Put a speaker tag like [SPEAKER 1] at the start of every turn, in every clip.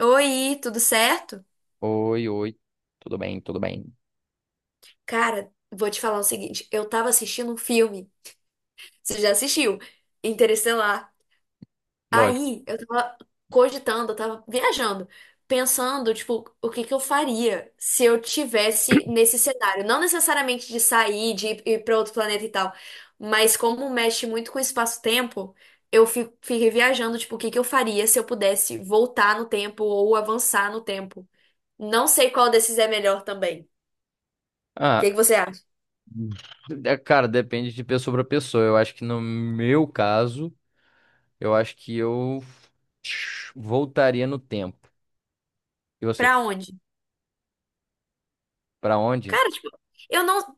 [SPEAKER 1] Oi, tudo certo?
[SPEAKER 2] Oi, oi. Tudo bem, tudo bem.
[SPEAKER 1] Cara, vou te falar o seguinte, eu tava assistindo um filme, você já assistiu, Interestelar.
[SPEAKER 2] Lógico.
[SPEAKER 1] Aí, eu tava cogitando, eu tava viajando, pensando, tipo, o que que eu faria se eu tivesse nesse cenário, não necessariamente de sair, de ir pra outro planeta e tal, mas como mexe muito com o espaço-tempo, eu fiquei viajando, tipo, o que que eu faria se eu pudesse voltar no tempo ou avançar no tempo. Não sei qual desses é melhor também. O
[SPEAKER 2] Ah,
[SPEAKER 1] que que você acha?
[SPEAKER 2] é, cara, depende de pessoa para pessoa. Eu acho que no meu caso, eu acho que eu voltaria no tempo. E você?
[SPEAKER 1] Pra onde?
[SPEAKER 2] Pra onde?
[SPEAKER 1] Cara, tipo, eu não.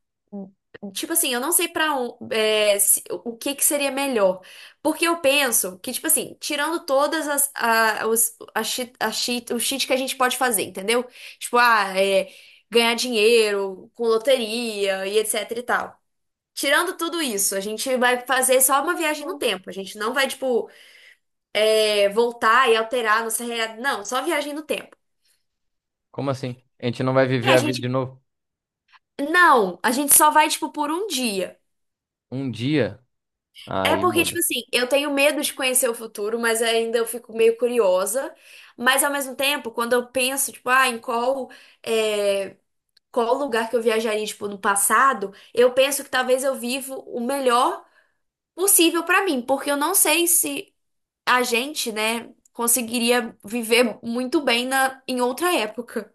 [SPEAKER 1] Tipo assim, eu não sei pra onde, o que que seria melhor. Porque eu penso que, tipo assim, tirando todas as, a, os, a cheat, o cheat que a gente pode fazer, entendeu? Tipo, ganhar dinheiro com loteria e etc e tal. Tirando tudo isso, a gente vai fazer só uma viagem no tempo. A gente não vai, tipo, voltar e alterar a nossa realidade. Não, só viagem no tempo.
[SPEAKER 2] Como assim? A gente não vai
[SPEAKER 1] É,
[SPEAKER 2] viver
[SPEAKER 1] a
[SPEAKER 2] a vida
[SPEAKER 1] gente.
[SPEAKER 2] de novo?
[SPEAKER 1] Não, a gente só vai, tipo, por um dia.
[SPEAKER 2] Um dia?
[SPEAKER 1] É
[SPEAKER 2] Aí
[SPEAKER 1] porque, tipo
[SPEAKER 2] muda.
[SPEAKER 1] assim, eu tenho medo de conhecer o futuro, mas ainda eu fico meio curiosa. Mas ao mesmo tempo, quando eu penso, tipo, ah, em qual, é, qual lugar que eu viajaria, tipo, no passado, eu penso que talvez eu vivo o melhor possível pra mim, porque eu não sei se a gente, né, conseguiria viver muito bem na, em outra época.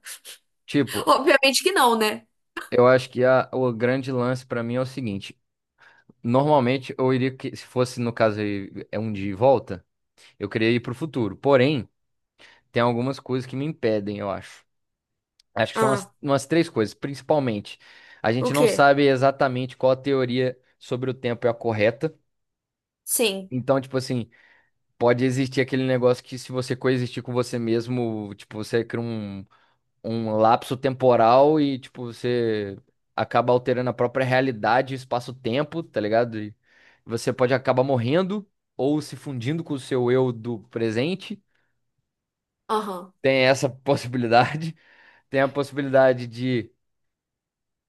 [SPEAKER 2] Tipo,
[SPEAKER 1] Obviamente que não, né?
[SPEAKER 2] eu acho que o grande lance pra mim é o seguinte. Normalmente eu iria que, se fosse no caso aí, é um dia e volta, eu queria ir pro futuro. Porém, tem algumas coisas que me impedem, eu acho. Acho que são umas,
[SPEAKER 1] Ah,
[SPEAKER 2] umas três coisas, principalmente. A
[SPEAKER 1] o
[SPEAKER 2] gente não
[SPEAKER 1] quê?
[SPEAKER 2] sabe exatamente qual a teoria sobre o tempo é a correta.
[SPEAKER 1] Sim.
[SPEAKER 2] Então, tipo assim, pode existir aquele negócio que se você coexistir com você mesmo, tipo, você cria um lapso temporal e, tipo, você acaba alterando a própria realidade, espaço-tempo, tá ligado? E você pode acabar morrendo ou se fundindo com o seu eu do presente.
[SPEAKER 1] Aham.
[SPEAKER 2] Tem essa possibilidade. Tem a possibilidade de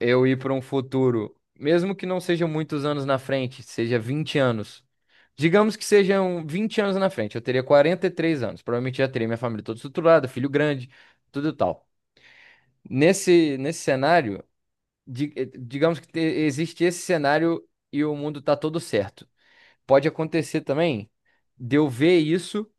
[SPEAKER 2] eu ir para um futuro, mesmo que não seja muitos anos na frente, seja 20 anos. Digamos que sejam 20 anos na frente, eu teria 43 anos. Provavelmente já teria minha família toda estruturada, filho grande, tudo e tal. Nesse cenário, digamos que existe esse cenário e o mundo tá todo certo. Pode acontecer também de eu ver isso.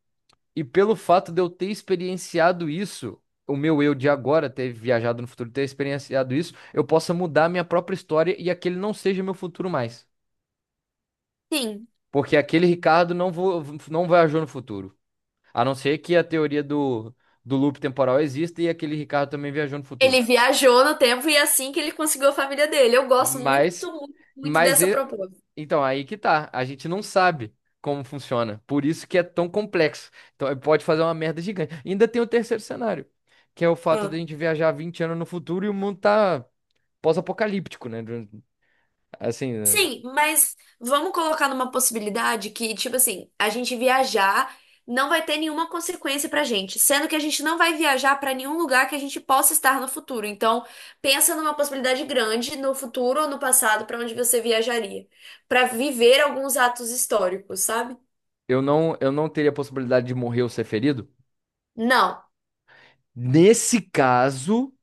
[SPEAKER 2] E pelo fato de eu ter experienciado isso, o meu eu de agora ter viajado no futuro, ter experienciado isso, eu possa mudar a minha própria história e aquele não seja meu futuro mais.
[SPEAKER 1] Sim.
[SPEAKER 2] Porque aquele Ricardo não viajou no futuro. A não ser que a teoria do loop temporal exista e aquele Ricardo também viajou no futuro.
[SPEAKER 1] Ele viajou no tempo e é assim que ele conseguiu a família dele. Eu gosto muito,
[SPEAKER 2] Mas,
[SPEAKER 1] muito, muito
[SPEAKER 2] mas
[SPEAKER 1] dessa
[SPEAKER 2] e-
[SPEAKER 1] proposta.
[SPEAKER 2] Então, aí que tá. A gente não sabe como funciona. Por isso que é tão complexo. Então, pode fazer uma merda gigante. Ainda tem o terceiro cenário, que é o fato de a
[SPEAKER 1] Ah,
[SPEAKER 2] gente viajar 20 anos no futuro e o mundo tá pós-apocalíptico, né? Assim, né?
[SPEAKER 1] sim, mas vamos colocar numa possibilidade que, tipo assim, a gente viajar não vai ter nenhuma consequência pra gente, sendo que a gente não vai viajar pra nenhum lugar que a gente possa estar no futuro. Então, pensa numa possibilidade grande no futuro ou no passado pra onde você viajaria, pra viver alguns atos históricos, sabe?
[SPEAKER 2] Eu não teria a possibilidade de morrer ou ser ferido.
[SPEAKER 1] Não.
[SPEAKER 2] Nesse caso,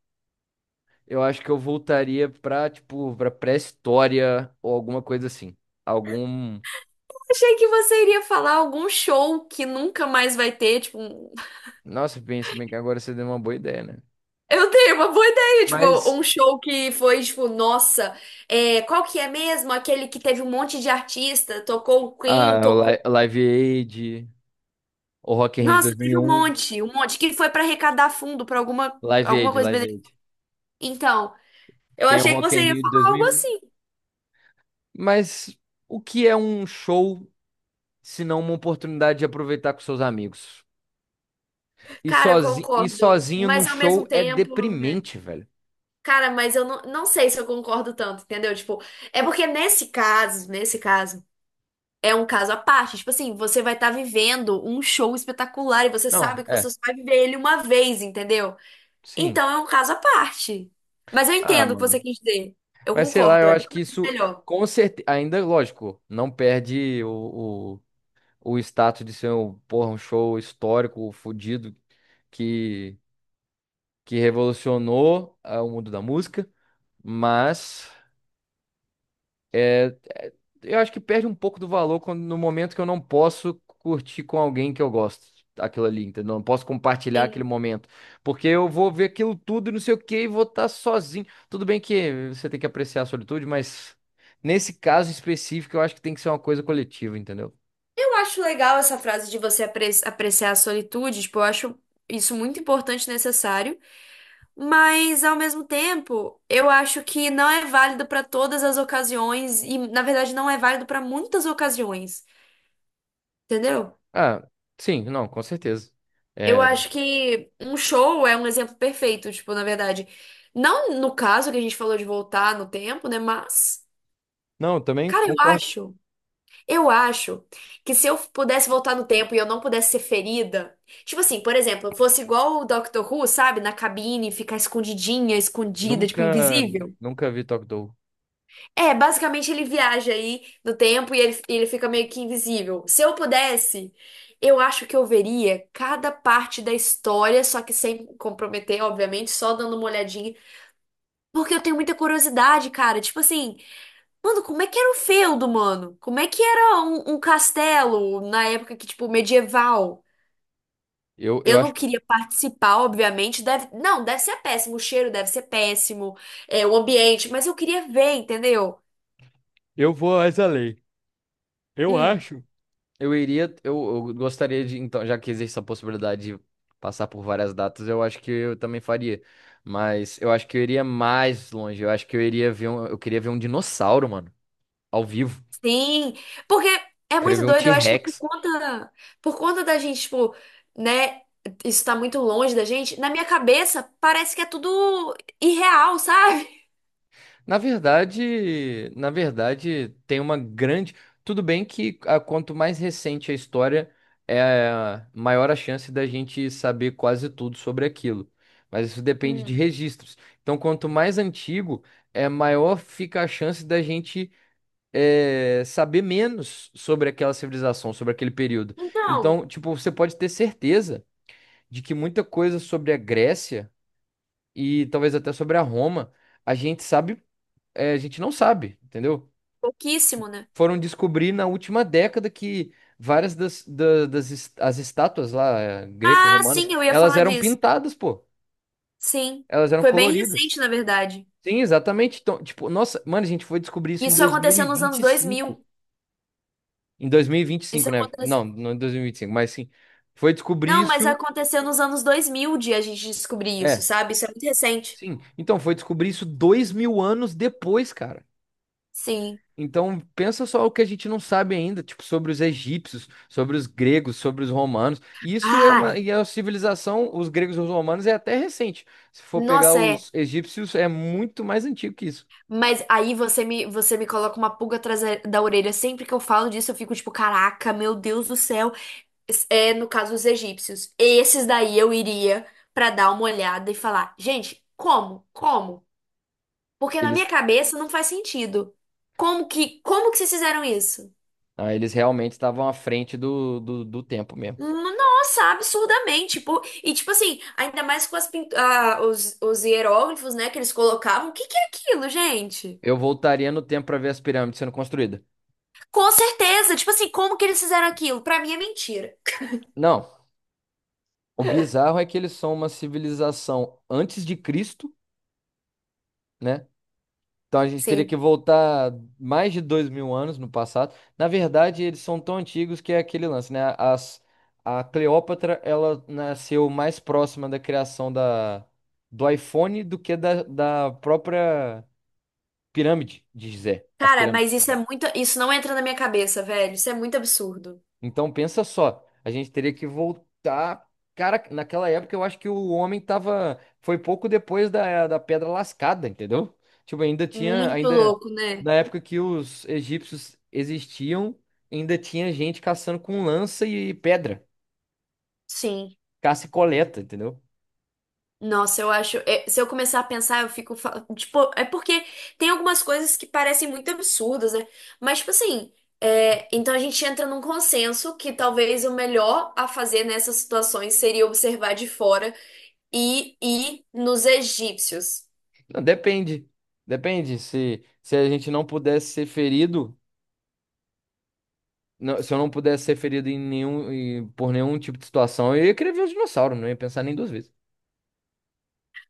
[SPEAKER 2] eu acho que eu voltaria pra, tipo, pra pré-história ou alguma coisa assim. Algum.
[SPEAKER 1] Achei que você iria falar algum show que nunca mais vai ter, tipo. Um
[SPEAKER 2] Nossa, pensa bem que agora você deu uma boa ideia, né?
[SPEAKER 1] eu tenho uma boa ideia, tipo,
[SPEAKER 2] Mas.
[SPEAKER 1] um show que foi, tipo, nossa, qual que é mesmo? Aquele que teve um monte de artista, tocou o Queen,
[SPEAKER 2] Ah, o
[SPEAKER 1] tocou.
[SPEAKER 2] Live Aid. O Rock in Rio de
[SPEAKER 1] Nossa,
[SPEAKER 2] dois mil e
[SPEAKER 1] teve
[SPEAKER 2] um,
[SPEAKER 1] um monte, que foi pra arrecadar fundo pra alguma,
[SPEAKER 2] Live
[SPEAKER 1] alguma
[SPEAKER 2] Aid,
[SPEAKER 1] coisa.
[SPEAKER 2] Live
[SPEAKER 1] Bene-,
[SPEAKER 2] Aid.
[SPEAKER 1] então, eu
[SPEAKER 2] Tem o
[SPEAKER 1] achei que
[SPEAKER 2] Rock in
[SPEAKER 1] você ia
[SPEAKER 2] Rio de dois
[SPEAKER 1] falar
[SPEAKER 2] mil
[SPEAKER 1] algo
[SPEAKER 2] e um.
[SPEAKER 1] assim.
[SPEAKER 2] Mas o que é um show se não uma oportunidade de aproveitar com seus amigos? E
[SPEAKER 1] Cara, eu
[SPEAKER 2] sozinho, e
[SPEAKER 1] concordo,
[SPEAKER 2] sozinho num
[SPEAKER 1] mas ao
[SPEAKER 2] show
[SPEAKER 1] mesmo
[SPEAKER 2] é
[SPEAKER 1] tempo. é,
[SPEAKER 2] deprimente, velho.
[SPEAKER 1] Cara, mas eu não, não sei se eu concordo tanto, entendeu? Tipo, é porque nesse caso. É um caso à parte. Tipo assim, você vai estar vivendo um show espetacular e você
[SPEAKER 2] Não,
[SPEAKER 1] sabe que você
[SPEAKER 2] é,
[SPEAKER 1] só vai viver ele uma vez, entendeu?
[SPEAKER 2] sim.
[SPEAKER 1] Então é um caso à parte. Mas eu
[SPEAKER 2] Ah,
[SPEAKER 1] entendo o que você
[SPEAKER 2] mano.
[SPEAKER 1] quis dizer. Eu
[SPEAKER 2] Mas sei lá,
[SPEAKER 1] concordo,
[SPEAKER 2] eu
[SPEAKER 1] é mil
[SPEAKER 2] acho que
[SPEAKER 1] vezes
[SPEAKER 2] isso,
[SPEAKER 1] melhor.
[SPEAKER 2] com certeza, ainda, lógico, não perde o status de ser um, porra, um show histórico, fudido, que, que revolucionou o mundo da música, mas. É, eu acho que perde um pouco do valor quando, no momento que eu não posso curtir com alguém que eu gosto aquilo ali, entendeu? Não posso compartilhar aquele
[SPEAKER 1] Sim.
[SPEAKER 2] momento. Porque eu vou ver aquilo tudo e não sei o que e vou estar sozinho. Tudo bem que você tem que apreciar a solitude, mas nesse caso específico eu acho que tem que ser uma coisa coletiva, entendeu?
[SPEAKER 1] Eu acho legal essa frase de você apreciar a solitude, tipo, eu acho isso muito importante e necessário, mas ao mesmo tempo, eu acho que não é válido para todas as ocasiões e na verdade não é válido para muitas ocasiões, entendeu?
[SPEAKER 2] Ah, sim, não, com certeza.
[SPEAKER 1] Eu
[SPEAKER 2] É,
[SPEAKER 1] acho que um show é um exemplo perfeito, tipo, na verdade. Não no caso que a gente falou de voltar no tempo, né? Mas,
[SPEAKER 2] não, eu também
[SPEAKER 1] cara,
[SPEAKER 2] concordo.
[SPEAKER 1] eu acho que se eu pudesse voltar no tempo e eu não pudesse ser ferida, tipo assim, por exemplo, eu fosse igual o Doctor Who, sabe? Na cabine, ficar escondidinha, escondida, tipo,
[SPEAKER 2] Nunca,
[SPEAKER 1] invisível.
[SPEAKER 2] nunca vi Talk Dog.
[SPEAKER 1] É, basicamente ele viaja aí no tempo e ele fica meio que invisível. Se eu pudesse, eu acho que eu veria cada parte da história, só que sem comprometer, obviamente, só dando uma olhadinha. Porque eu tenho muita curiosidade, cara. Tipo assim, mano, como é que era o feudo, mano? Como é que era um castelo na época que, tipo, medieval?
[SPEAKER 2] Eu,
[SPEAKER 1] Eu
[SPEAKER 2] eu
[SPEAKER 1] não
[SPEAKER 2] acho que
[SPEAKER 1] queria participar, obviamente. Deve, não, deve ser péssimo. O cheiro deve ser péssimo, o ambiente, mas eu queria ver, entendeu?
[SPEAKER 2] eu vou às além. Eu
[SPEAKER 1] Hum.
[SPEAKER 2] acho. Eu iria, eu gostaria de, então, já que existe essa possibilidade de passar por várias datas, eu acho que eu também faria. Mas eu acho que eu iria mais longe. Eu acho que eu iria eu queria ver um dinossauro, mano, ao vivo.
[SPEAKER 1] Sim, porque é
[SPEAKER 2] Queria
[SPEAKER 1] muito
[SPEAKER 2] ver um
[SPEAKER 1] doido, eu acho que é
[SPEAKER 2] T-Rex.
[SPEAKER 1] por conta da gente, tipo, né, isso tá muito longe da gente, na minha cabeça parece que é tudo irreal, sabe?
[SPEAKER 2] Na verdade, tem uma grande. Tudo bem que quanto mais recente a história, é maior a chance da gente saber quase tudo sobre aquilo. Mas isso depende de
[SPEAKER 1] Hum.
[SPEAKER 2] registros. Então, quanto mais antigo, é maior fica a chance da gente saber menos sobre aquela civilização, sobre aquele período.
[SPEAKER 1] Então,
[SPEAKER 2] Então, tipo, você pode ter certeza de que muita coisa sobre a Grécia e talvez até sobre a Roma, a gente sabe a gente não sabe, entendeu?
[SPEAKER 1] pouquíssimo, né?
[SPEAKER 2] Foram descobrir na última década que várias das, da- das, es- as estátuas lá,
[SPEAKER 1] Ah,
[SPEAKER 2] greco-romanas,
[SPEAKER 1] sim, eu ia
[SPEAKER 2] elas
[SPEAKER 1] falar
[SPEAKER 2] eram
[SPEAKER 1] disso.
[SPEAKER 2] pintadas, pô.
[SPEAKER 1] Sim,
[SPEAKER 2] Elas eram
[SPEAKER 1] foi bem
[SPEAKER 2] coloridas.
[SPEAKER 1] recente, na verdade.
[SPEAKER 2] Sim, exatamente. Então, tipo, nossa, mano, a gente foi descobrir isso em
[SPEAKER 1] Isso aconteceu nos anos dois
[SPEAKER 2] 2025.
[SPEAKER 1] mil
[SPEAKER 2] Em
[SPEAKER 1] Isso
[SPEAKER 2] 2025, né?
[SPEAKER 1] aconteceu...
[SPEAKER 2] Não, não em 2025, mas sim. Foi descobrir
[SPEAKER 1] Não, mas
[SPEAKER 2] isso.
[SPEAKER 1] aconteceu nos anos 2000 de a gente descobrir isso,
[SPEAKER 2] É,
[SPEAKER 1] sabe? Isso é muito recente.
[SPEAKER 2] sim. Então, foi descobrir isso 2000 anos depois, cara.
[SPEAKER 1] Sim.
[SPEAKER 2] Então, pensa só o que a gente não sabe ainda, tipo, sobre os egípcios, sobre os gregos, sobre os romanos. E isso é
[SPEAKER 1] Ah,
[SPEAKER 2] uma, e a civilização, os gregos e os romanos, é até recente. Se for pegar
[SPEAKER 1] nossa, é.
[SPEAKER 2] os egípcios, é muito mais antigo que isso.
[SPEAKER 1] Mas aí você me coloca uma pulga atrás da orelha. Sempre que eu falo disso, eu fico tipo, caraca, meu Deus do céu. É, no caso, os egípcios. Esses daí eu iria pra dar uma olhada e falar, gente, como? Como? Porque na minha
[SPEAKER 2] Eles,
[SPEAKER 1] cabeça não faz sentido. Como que vocês fizeram isso?
[SPEAKER 2] eles realmente estavam à frente do tempo mesmo.
[SPEAKER 1] Nossa, absurdamente. Tipo, e tipo assim, ainda mais com as os hieróglifos, né, que eles colocavam. O que que é aquilo, gente?
[SPEAKER 2] Eu voltaria no tempo para ver as pirâmides sendo construídas.
[SPEAKER 1] Com certeza, tipo assim, como que eles fizeram aquilo? Pra mim é mentira.
[SPEAKER 2] Não, o bizarro é que eles são uma civilização antes de Cristo, né? Então a gente teria
[SPEAKER 1] Sim.
[SPEAKER 2] que voltar mais de 2000 anos no passado. Na verdade, eles são tão antigos que é aquele lance, né? A Cleópatra, ela nasceu mais próxima da criação do iPhone do que da própria pirâmide de Gizé, as
[SPEAKER 1] Cara, mas
[SPEAKER 2] pirâmides de
[SPEAKER 1] isso é
[SPEAKER 2] Gizé.
[SPEAKER 1] muito. Isso não entra na minha cabeça, velho. Isso é muito absurdo.
[SPEAKER 2] Então pensa só, a gente teria que voltar. Cara, naquela época eu acho que o homem tava. Foi pouco depois da Pedra Lascada, entendeu? Tipo, ainda tinha.
[SPEAKER 1] Muito
[SPEAKER 2] Ainda.
[SPEAKER 1] louco, né?
[SPEAKER 2] Na época que os egípcios existiam, ainda tinha gente caçando com lança e pedra.
[SPEAKER 1] Sim.
[SPEAKER 2] Caça e coleta, entendeu?
[SPEAKER 1] Nossa, eu acho. Se eu começar a pensar, eu fico. Tipo, é porque tem algumas coisas que parecem muito absurdas, né? Mas, tipo assim. Então a gente entra num consenso que talvez o melhor a fazer nessas situações seria observar de fora e ir nos egípcios.
[SPEAKER 2] Não, depende. Depende. Se a gente não pudesse ser ferido. Se eu não pudesse ser ferido por nenhum tipo de situação, eu ia querer ver os dinossauros, não ia pensar nem duas vezes.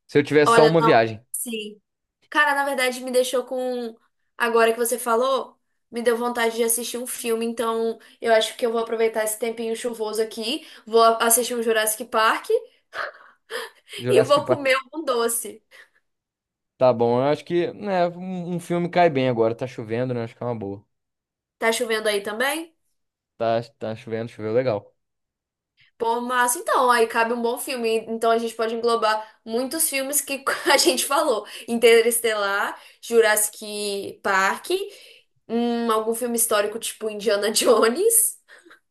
[SPEAKER 2] Se eu tivesse só
[SPEAKER 1] Olha,
[SPEAKER 2] uma
[SPEAKER 1] não.
[SPEAKER 2] viagem.
[SPEAKER 1] Sim. Cara, na verdade, me deixou com. Agora que você falou, me deu vontade de assistir um filme. Então, eu acho que eu vou aproveitar esse tempinho chuvoso aqui. Vou assistir um Jurassic Park e vou
[SPEAKER 2] Jurassic
[SPEAKER 1] comer
[SPEAKER 2] Park.
[SPEAKER 1] um doce.
[SPEAKER 2] Tá bom, eu acho que, né, um filme cai bem agora. Tá chovendo, né? Acho que é uma boa.
[SPEAKER 1] Tá chovendo aí também?
[SPEAKER 2] Tá chovendo, choveu legal.
[SPEAKER 1] Pô, massa. Então, aí cabe um bom filme. Então, a gente pode englobar muitos filmes que a gente falou: Interestelar, Jurassic Park, algum filme histórico tipo Indiana Jones.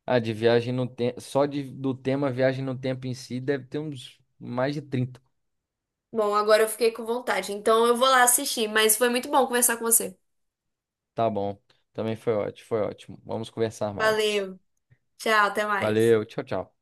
[SPEAKER 2] Ah, de viagem no tempo. Só do tema viagem no tempo em si, deve ter uns mais de 30.
[SPEAKER 1] Bom, agora eu fiquei com vontade. Então eu vou lá assistir, mas foi muito bom conversar com você.
[SPEAKER 2] Tá bom. Também foi ótimo, foi ótimo. Vamos conversar mais.
[SPEAKER 1] Valeu. Tchau, até mais.
[SPEAKER 2] Valeu, tchau, tchau.